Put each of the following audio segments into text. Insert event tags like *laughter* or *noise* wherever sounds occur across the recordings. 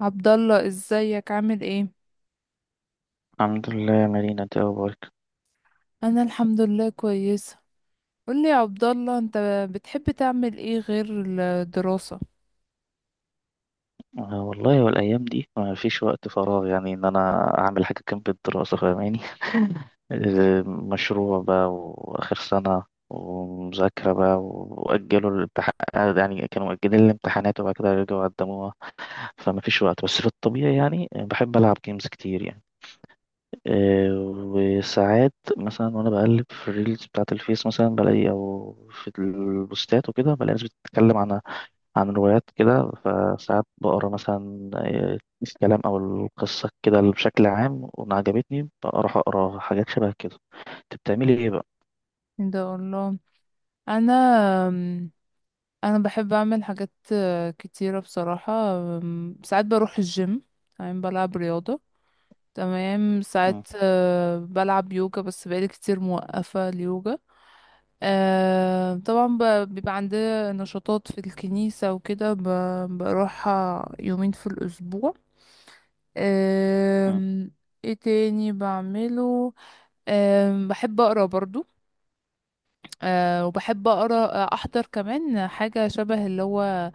عبد الله، ازيك؟ عامل ايه؟ الحمد لله يا مارينا، انت ايه اخبارك؟ انا الحمد لله كويسه. قولي يا عبد الله، انت بتحب تعمل ايه غير الدراسه؟ آه والله والايام دي ما فيش وقت فراغ، يعني ان انا اعمل حاجه جنب الدراسه، فاهماني؟ مشروع بقى واخر سنه، ومذاكره بقى واجلوا الامتحان. يعني كانوا مؤجلين الامتحانات وبعد كده رجعوا قدموها، فما فيش وقت، بس في الطبيعي يعني بحب العب جيمز كتير يعني. آه، وساعات مثلا وانا بقلب في الريلز بتاعه الفيس مثلا بلاقي، او في البوستات وكده بلاقي ناس بتتكلم عن روايات كده، فساعات بقرا مثلا الكلام او القصه كده بشكل عام، وأنا عجبتني بروح اقرا حاجات شبه كده. انت بتعملي ايه بقى؟ ده الله. انا انا بحب اعمل حاجات كتيره بصراحه. ساعات بروح الجيم، تمام، بلعب رياضه. تمام، مم. ساعات بلعب يوجا، بس بقالي كتير موقفه اليوجا. طبعا، بيبقى عندي نشاطات في الكنيسه وكده، بروحها يومين في الاسبوع. مم. أم، ايه تاني بعمله؟ بحب اقرا برضو. وبحب اقرا. احضر كمان حاجه شبه اللي هو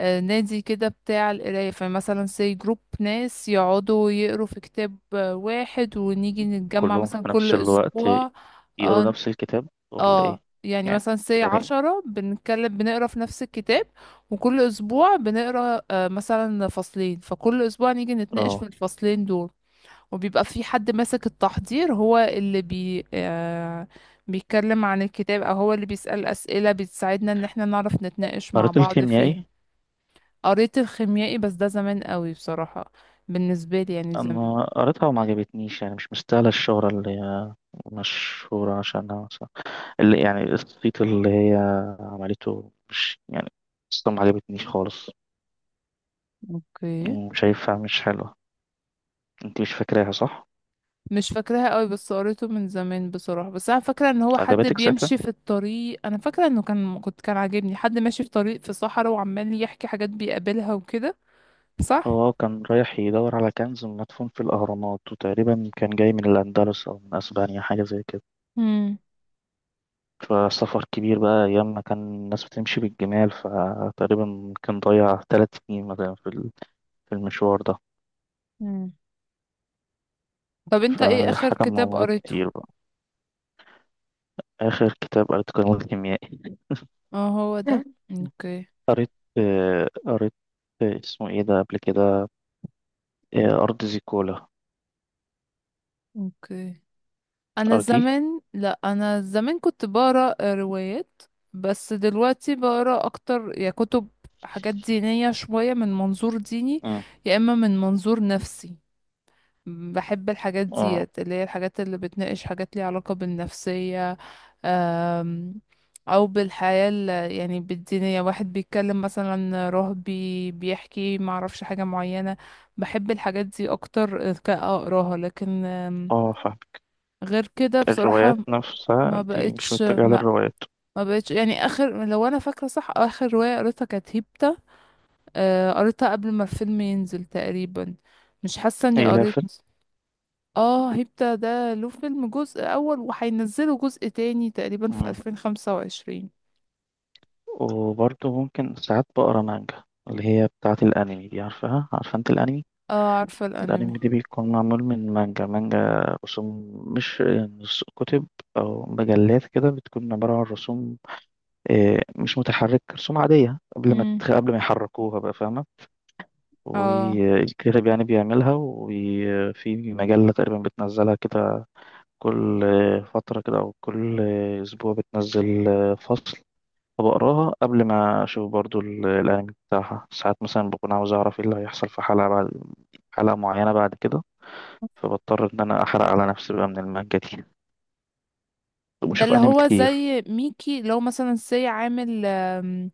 نادي كده بتاع القرايه. فمثلا سي جروب ناس يقعدوا يقروا في كتاب واحد، ونيجي نتجمع كلهم في مثلا كل نفس الوقت اسبوع. يقروا اه، نفس الكتاب ولا ايه؟ يعني يعني مثلا سي يعني. عشرة بنتكلم، بنقرا في نفس الكتاب. وكل اسبوع بنقرا مثلا فصلين، فكل اسبوع نيجي نتناقش اه في الفصلين دول. وبيبقى في حد ماسك التحضير، هو اللي بي آه بيتكلم عن الكتاب، او هو اللي بيسأل أسئلة بتساعدنا ان احنا نعرف نتناقش مع قريت بعض فيها. الكيميائي؟ قريت الخيميائي، بس ده زمان قوي بصراحة. بالنسبة لي يعني زمان. انا قريتها وما عجبتنيش، يعني مش مستاهله الشهره اللي هي مشهوره عشانها مثلا، اللي يعني الصيت اللي هي عملته، مش يعني قصة ما عجبتنيش خالص. اوكي. شايفها مش حلوه. انت مش فاكراها صح؟ مش فاكراها قوي، بس قريته من زمان بصراحة. بس انا فاكرة ان هو حد عجبتك ساعتها؟ بيمشي في الطريق. انا فاكرة انه كان عاجبني حد ماشي في طريق في صحراء وعمال يحكي حاجات بيقابلها وكده، صح؟ هو كان رايح يدور على كنز مدفون في الاهرامات، وتقريبا كان جاي من الاندلس او من اسبانيا حاجه زي كده. امم فسفر كبير بقى، ايام ما كان الناس بتمشي بالجمال، فتقريبا كان ضيع 3 سنين مثلا في المشوار ده. طب انت ايه اخر فحاجه كتاب مغامرات قريته؟ كتير بقى. اخر كتاب قريته كان الخيميائي. اه، هو ده. *laughs* اوكي. قريت قريت، اسمه ايه ده قبل كده، ارض زيكولا. اوكي، انا ارضي. زمان، لا، انا زمان كنت بقرا روايات. بس دلوقتي بقرا اكتر يا كتب، حاجات دينية شوية من منظور ديني، مم. يا اما من منظور نفسي. بحب الحاجات اه. ديت اللي هي الحاجات اللي بتناقش حاجات ليها علاقة بالنفسية. أم، أو بالحياة يعني بالدينية، واحد بيتكلم مثلا رهبي بيحكي معرفش حاجة معينة. بحب الحاجات دي أكتر كأقراها، لكن اه، غير كده بصراحة. الروايات ما نفسها دي مش بقتش، متجهة لا، للروايات. ما بقتش يعني. آخر، لو أنا فاكرة صح، آخر رواية قريتها كانت هيبتا. قريتها قبل ما الفيلم ينزل تقريبا. مش حاسة إني هي لها قريت. فيلم؟ اه، هيبتا ده له فيلم جزء اول، وهينزله جزء تاني تقريبا في مم. 2025. وبرضه ممكن ساعات بقرا مانجا، اللي هي بتاعة الأنمي دي، عارفها؟ عارفة أنت الأنمي؟ اه، عارفة الانمي. الأنمي دي بيكون معمول من مانجا. مانجا رسوم، مش كتب أو مجلات كده، بتكون عبارة عن رسوم. مش متحرك، رسوم عادية امم. قبل ما يحركوها بقى، فاهمة؟ اه، والكاتب يعني بيعملها، وفي مجلة تقريبا بتنزلها كده كل فترة كده، أو كل أسبوع بتنزل فصل. فبقراها قبل ما أشوف برضو الأنمي بتاعها، ساعات مثلا بكون عاوز أعرف إيه اللي هيحصل في حلقة بعد حلقة معينة بعد كده، فبضطر إن أنا أحرق على نفسي بقى من المانجا دي، ده وبشوف اللي أنمي هو كتير. زي ميكي، لو مثلا سي عامل،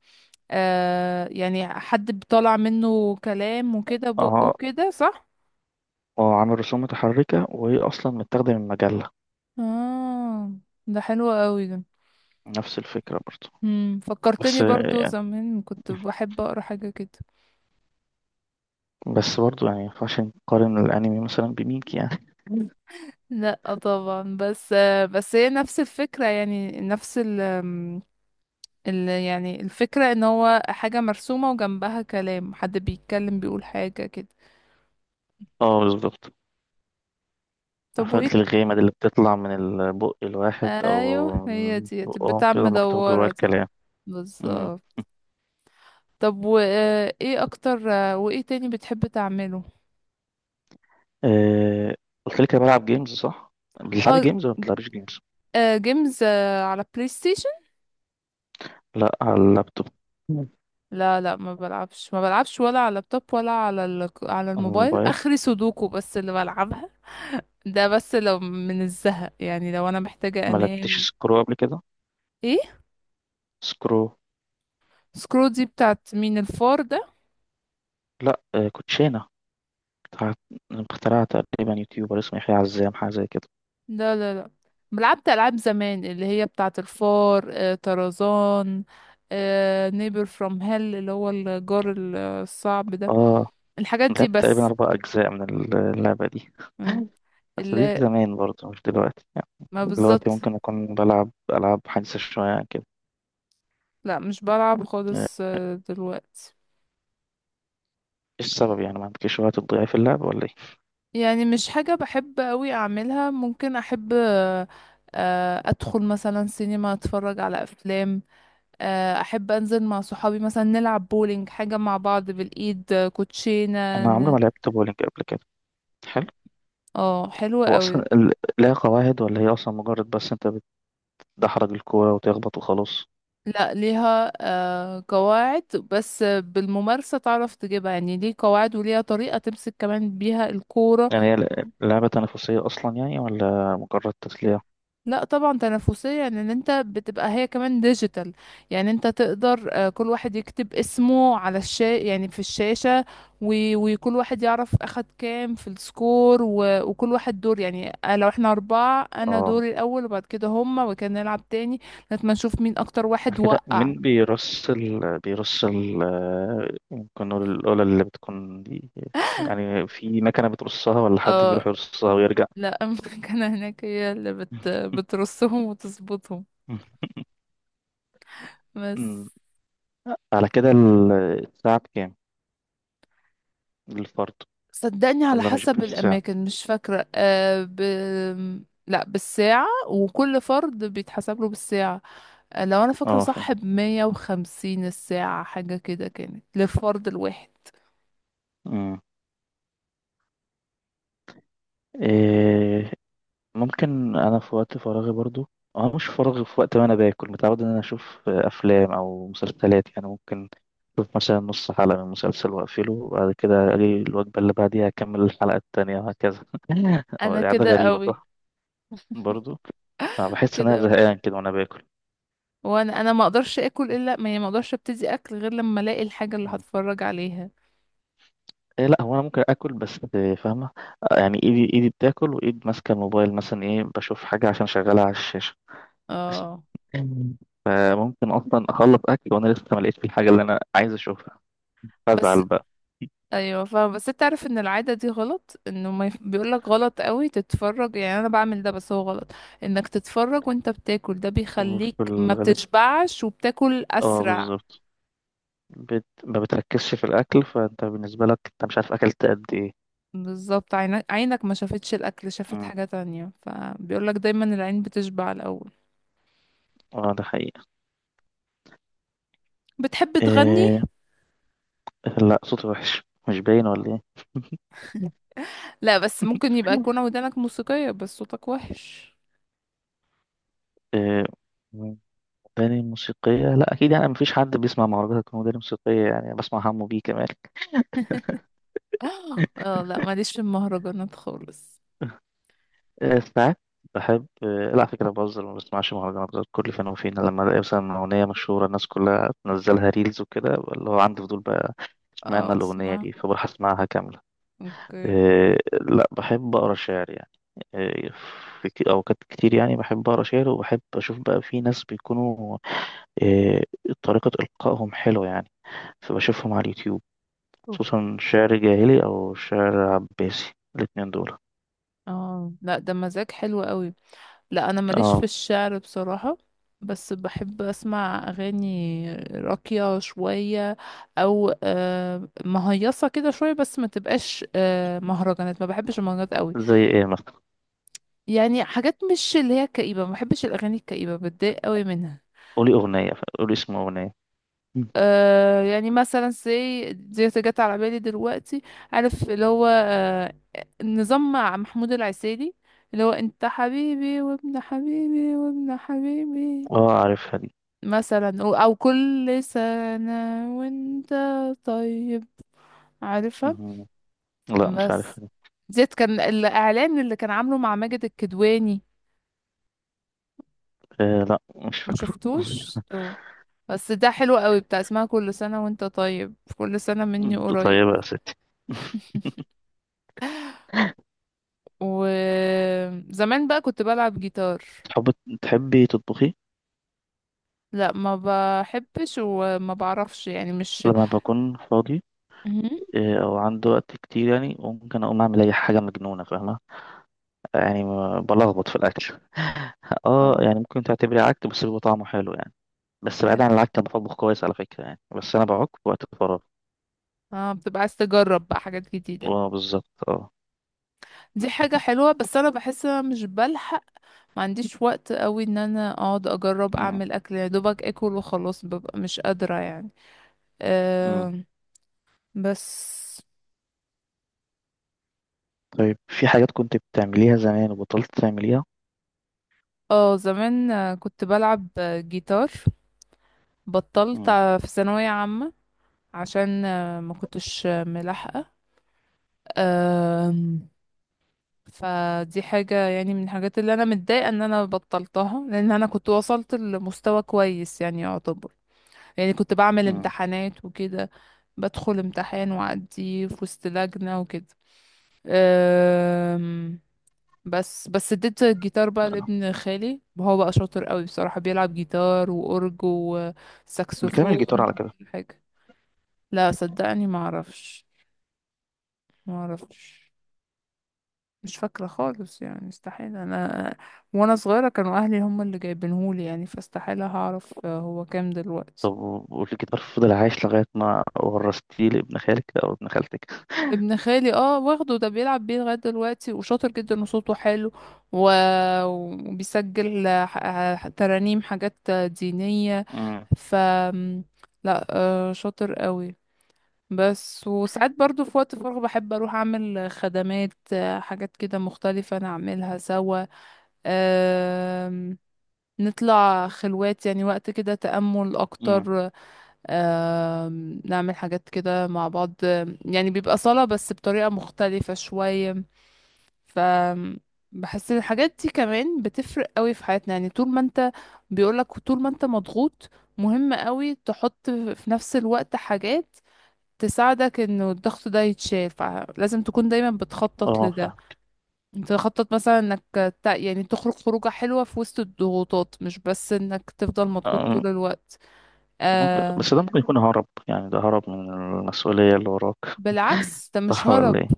يعني حد بيطلع منه كلام وكده بقه أه. وكده، صح؟ أه، عامل رسوم متحركة وهي أصلا متاخدة من مجلة. اه، ده حلو قوي ده. نفس الفكرة برضو. بس فكرتني برضو، يعني زمان كنت بحب اقرا حاجة كده. بس برضو يعني مينفعش نقارن الأنمي مثلا بميكي يعني. *laughs* لا طبعا، بس هي نفس الفكرة، يعني نفس يعني الفكرة ان هو حاجة مرسومة وجنبها كلام حد بيتكلم بيقول حاجة كده. اه بالظبط. طب، وايه؟ عفاريت الغيمة دي اللي بتطلع من البق الواحد ايوه، أو هي من دي بقهم بتاع كده، مكتوب جواها مدورة دي، الكلام. مم. بالظبط. طب، وايه اكتر؟ وايه تاني بتحب تعمله؟ آه، قلت لك أنا بلعب جيمز صح؟ بتلعبي اه. جيمز ولا بتلعبيش جيمز؟ جيمز، على بلاي ستيشن. لا، على اللابتوب. مم. لا، لا، ما بلعبش ولا على اللابتوب، ولا على على على الموبايل. الموبايل. اخري سودوكو بس اللي بلعبها. ده بس لو من الزهق، يعني لو انا محتاجة ما لعبتش انام. سكرو قبل كده؟ ايه؟ سكرو. سكرو دي بتاعت مين، الفار؟ لا، كوتشينة. بتاع اخترعها تقريبا يوتيوبر اسمه يحيى عزام حاجة زي كده. لا، لا، لا، لعبت ألعاب زمان اللي هي بتاعة الفار، طرزان، نيبر فروم هيل اللي هو الجار الصعب ده. اه، الحاجات دي لعبت تقريبا بس. أربع أجزاء من اللعبة دي. مم. *laughs* بس دي اللي، زمان برضه مش دلوقتي يعني. ما، دلوقتي بالظبط. ممكن أكون بلعب ألعاب حديثة شوية عن كده. لا، مش بلعب آه، خالص دلوقتي. إيش السبب؟ يعني ما عندكش وقت تضيع في اللعب ولا إيه؟ يعني مش حاجة بحب قوي أعملها. ممكن أحب أدخل مثلا سينما أتفرج على أفلام. أحب أنزل مع صحابي مثلا نلعب بولينج، حاجة مع بعض بالإيد، كوتشينة أنا عمري ما لعبت بولينج قبل كده، حلو. اه، حلوة هو أصلا قوي. لها قواعد ولا هي أصلا مجرد بس أنت بتدحرج الكورة وتخبط وخلاص؟ لا، ليها قواعد. بس بالممارسة تعرف تجيبها. يعني ليه قواعد، وليها طريقة تمسك كمان بيها الكورة. يعني هي لعبة تنافسية أصلا يعني ولا مجرد تسلية؟ لا طبعا، تنافسية. يعني ان انت بتبقى، هي كمان ديجيتال. يعني انت تقدر، كل واحد يكتب اسمه على يعني في الشاشة. و- وكل واحد يعرف اخد كام في السكور، و... وكل واحد دور. يعني لو احنا اربعة، انا آه. دوري الاول، وبعد كده هما، وكان نلعب تاني. لغاية ما نشوف مين اكتر واحد كده وقع. مين بيرص ال ممكن نقول الأولى اللي بتكون دي، يعني في مكنة بترصها ولا حد آه، بيروح يرصها ويرجع؟ لا. *laughs* المكنة هناك هي اللي *laughs* بترصهم وتظبطهم. بس. أمم. على كده الساعة بكام للفرد صدقني، على ولا مش حسب بالساعة؟ الأماكن، مش فاكرة. لا، بالساعة، وكل فرد بيتحسب له بالساعة. لو أنا فاكرة اه فاهم. صح، بـ150 الساعة، حاجة كده، كانت للفرد الواحد. أمم. إيه، ممكن أنا في وقت فراغي برضو، أنا مش فراغي، في وقت ما أنا باكل متعود إن أنا أشوف أفلام أو مسلسلات، يعني ممكن أشوف مثلا نص حلقة من مسلسل وأقفله وبعد كده أجي الوجبة اللي بعديها أكمل الحلقة التانية وهكذا. *laughs* هو أنا دي عادة كده غريبة قوي. صح؟ برضو أنا بحس إن أنا كده قوي. زهقان كده وأنا باكل. وأنا ما أقدرش أكل، إلا ما أقدرش أبتدي أكل غير لما ألاقي الحاجة اللي هتفرج عليها. إيه، لا، هو انا ممكن اكل بس فاهمه. يعني ايدي بتاكل وايد ماسكه الموبايل مثلا، ايه بشوف حاجه عشان شغاله على الشاشه. *laughs* اه، مم. فممكن اصلا اخلص اكل وانا لسه ما لقيتش الحاجه اللي انا عايز اشوفها، بس. فازعل بقى. ايوه فاهمة، بس انت عارف ان العاده دي غلط، انه ما يف... بيقولك غلط قوي تتفرج. يعني انا بعمل ده، بس هو غلط. انك تتفرج وانت بتاكل، ده بيخليك وفي ما الغالب، بتشبعش وبتاكل اه اسرع. بالظبط. ما بتركزش في الاكل، فانت بالنسبه لك انت مش عارف اكلت قد ايه. بالظبط، عينك ما شافتش الاكل، شافت مم. حاجه تانية، فبيقولك دايما العين بتشبع الاول. اه ده حقيقه. بتحب تغني؟ إيه... لا، صوتي وحش. مش باين ولا ايه؟ لا، بس ممكن يبقى يكون ودانك موسيقيه، بس صوتك وحش. *laughs* إيه... أغاني موسيقية، لا أكيد، يعني مفيش حد بيسمع مهرجانات هتكون أغاني موسيقية يعني، بسمع حمو بيه كمان. *laughs* اه، لا، ماليش في المهرجانات خالص. ساعات بحب لا على فكرة بهزر، ما بسمعش مهرجانات غير كل فين وفين لما ألاقي مثلا أغنية مشهورة الناس كلها تنزلها ريلز وكده، اللي هو عندي فضول بقى اه، اشمعنى الأغنية بتسمع. دي، فبروح أسمعها كاملة. اوكي. لا بحب أقرأ شعر يعني. آه، في أوقات كتير يعني بحب أقرأ شعر، وبحب أشوف بقى في ناس بيكونوا آه، طريقة إلقائهم حلوة يعني، فبشوفهم على اليوتيوب، خصوصا شعر جاهلي أو شعر عباسي الاتنين دول. اه، لا، ده مزاج حلو قوي. لا، انا ماليش في اه، الشعر بصراحة. بس بحب اسمع اغاني راقية شوية، او مهيصة كده شوية، بس ما تبقاش مهرجانات. ما بحبش المهرجانات قوي. زي ايه مثلا؟ يعني حاجات مش اللي هي كئيبة. ما بحبش الاغاني الكئيبة، بتضايق قوي منها. قولي أغنية، قولي اسم أغنية. مم. يعني مثلا سي دي جت على بالي دلوقتي. عارف اللي هو نظام مع محمود العسيلي، اللي هو انت حبيبي وابن حبيبي وابن حبيبي. اه عارفها دي. مثلا او كل سنة وانت طيب، عارفة؟ مم. لا مش عارفها بس دي. ديت كان الاعلان اللي كان عامله مع ماجد الكدواني. آه، لا مش ما فاكره. شفتوش؟ *laughs* اه. بس ده حلو قوي، بتاع اسمها كل سنة وانت طيب، كل سنة مني مم. قريب. طيبة يا ستي. *laughs* *laughs* وزمان بقى كنت بلعب جيتار. تحب تحبي تطبخي؟ لا، ما بحبش وما بعرفش يعني، مش لما بكون فاضي مهم. أو عندي وقت كتير يعني ممكن أقوم أعمل أي حاجة مجنونة، فاهمة؟ يعني بلخبط في الأكل. اه اه، يعني ممكن تعتبري عك بس بيبقى طعمه حلو يعني. بس بعيد عن العك أنا بطبخ كويس على فكرة يعني، بس أنا بعك في وقت فراغ. اه، بتبقى عايز تجرب بقى حاجات جديدة. اه بالظبط اه. دي حاجة حلوة، بس انا بحس انا مش بلحق. ما عنديش وقت قوي ان انا اقعد اجرب مم. اعمل اكل، يا دوبك اكل وخلاص، ببقى مش قادرة يعني. مم. أه، بس. طيب في حاجات كنت بتعمليها زمان وبطلت تعمليها؟ اه، زمان كنت بلعب جيتار. بطلت مم. في ثانوية عامة، عشان ما كنتش ملاحقة. أم، فدي حاجة يعني، من الحاجات اللي انا متضايقة ان انا بطلتها، لان انا كنت وصلت لمستوى كويس يعني، يعتبر. يعني كنت بعمل مم. امتحانات وكده. بدخل امتحان وأعديه في وسط لجنة وكده. أم، بس اديت الجيتار بقى لابن خالي. هو بقى شاطر قوي بصراحة، بيلعب جيتار وأورج بكلام وساكسفون الجيتار على كده. وكل حاجة. لا، صدقني، ما اعرفش. مش فاكرة خالص، يعني استحيل انا. وانا صغيرة كانوا اهلي هم اللي جايبينهولي يعني، فاستحيل هعرف هو كام دلوقتي. طب والجيتار فضل عايش لغاية ما ورثتيه لابن خالك أو ابن خالتك؟ ابن خالي، اه، واخده ده بيلعب بيه لغاية دلوقتي، وشاطر جدا وصوته حلو. و... وبيسجل ترانيم، حاجات دينية. مم. ف لا، شاطر قوي. بس، وساعات برضو في وقت فراغ بحب اروح اعمل خدمات، حاجات كده مختلفة نعملها سوا. آم، نطلع خلوات، يعني وقت كده تأمل مم. اكتر. نعمل حاجات كده مع بعض. يعني بيبقى صلاة بس بطريقة مختلفة شوية. ف بحس ان الحاجات دي كمان بتفرق قوي في حياتنا. يعني طول ما انت، بيقولك طول ما انت مضغوط، مهم قوي تحط في نفس الوقت حاجات تساعدك انه الضغط ده يتشال، فلازم تكون دايما بتخطط اه لده. فاهم. انت تخطط مثلا انك يعني تخرج خروجة حلوة في وسط الضغوطات، مش بس انك تفضل مضغوط آه، طول الوقت. ممكن آه بس ده ممكن يكون هرب، يعني ده هرب من المسؤولية اللي وراك، بالعكس، ده مش صح ولا هرب. ايه؟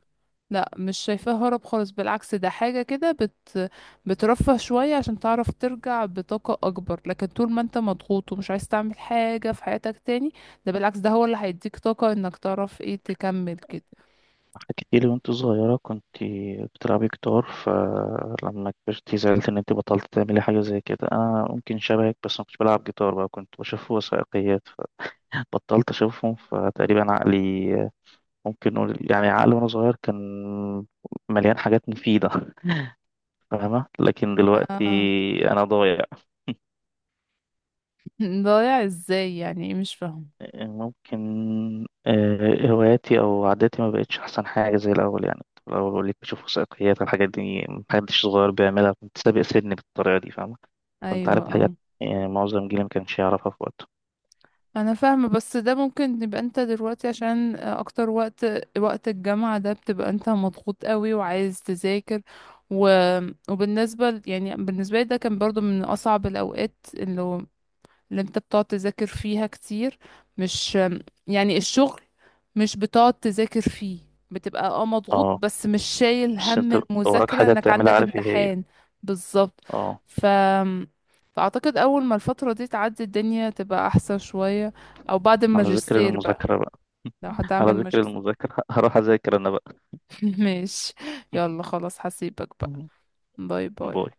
لا، مش شايفاه هرب خالص. بالعكس، ده حاجة كده بترفه شوية، عشان تعرف ترجع بطاقة أكبر. لكن طول ما انت مضغوط ومش عايز تعمل حاجة في حياتك تاني، ده بالعكس، ده هو اللي هيديك طاقة انك تعرف ايه تكمل كده. حكيتي لي وانت صغيرة كنت بتلعبي جيتار، فلما كبرتي زعلت ان انت بطلت تعملي حاجة زي كده. انا ممكن شبهك بس ما كنتش بلعب جيتار، بقى كنت بشوف وثائقيات فبطلت اشوفهم، فتقريبا عقلي ممكن نقول يعني عقلي وانا صغير كان مليان حاجات مفيدة، فاهمة؟ لكن دلوقتي اه. انا ضايع. *laughs* ضايع ازاي؟ يعني ايه، مش فاهم. ممكن هواياتي او عاداتي ما بقتش احسن حاجه زي الاول يعني. الاول بقول لك بشوف وثائقيات، الحاجات دي محدش صغير بيعملها، كنت سابق سني بالطريقه دي، فاهمه؟ كنت ايوه، عارف حاجات يعني معظم جيلي ما كانش يعرفها في وقته. انا فاهمه. بس ده ممكن يبقى انت دلوقتي، عشان اكتر وقت، وقت الجامعه ده، بتبقى انت مضغوط قوي وعايز تذاكر. و... وبالنسبه يعني بالنسبه لي، ده كان برضو من اصعب الاوقات، اللي هو اللي انت بتقعد تذاكر فيها كتير. مش يعني الشغل، مش بتقعد تذاكر فيه، بتبقى مضغوط، اه، بس مش شايل بس هم انت وراك المذاكرة حاجه انك بتعملها عندك عارف ايه هي. امتحان. بالظبط. اه. ف فأعتقد أول ما الفترة دي تعدي، الدنيا تبقى أحسن شوية. أو بعد على ذكر الماجستير بقى، المذاكره بقى. لو على هتعمل ذكر ماجستير. المذاكره *laughs* هروح اذاكر انا بقى. *laughs* ماشي. يلا خلاص، هسيبك بقى. *laughs* باي باي. باي.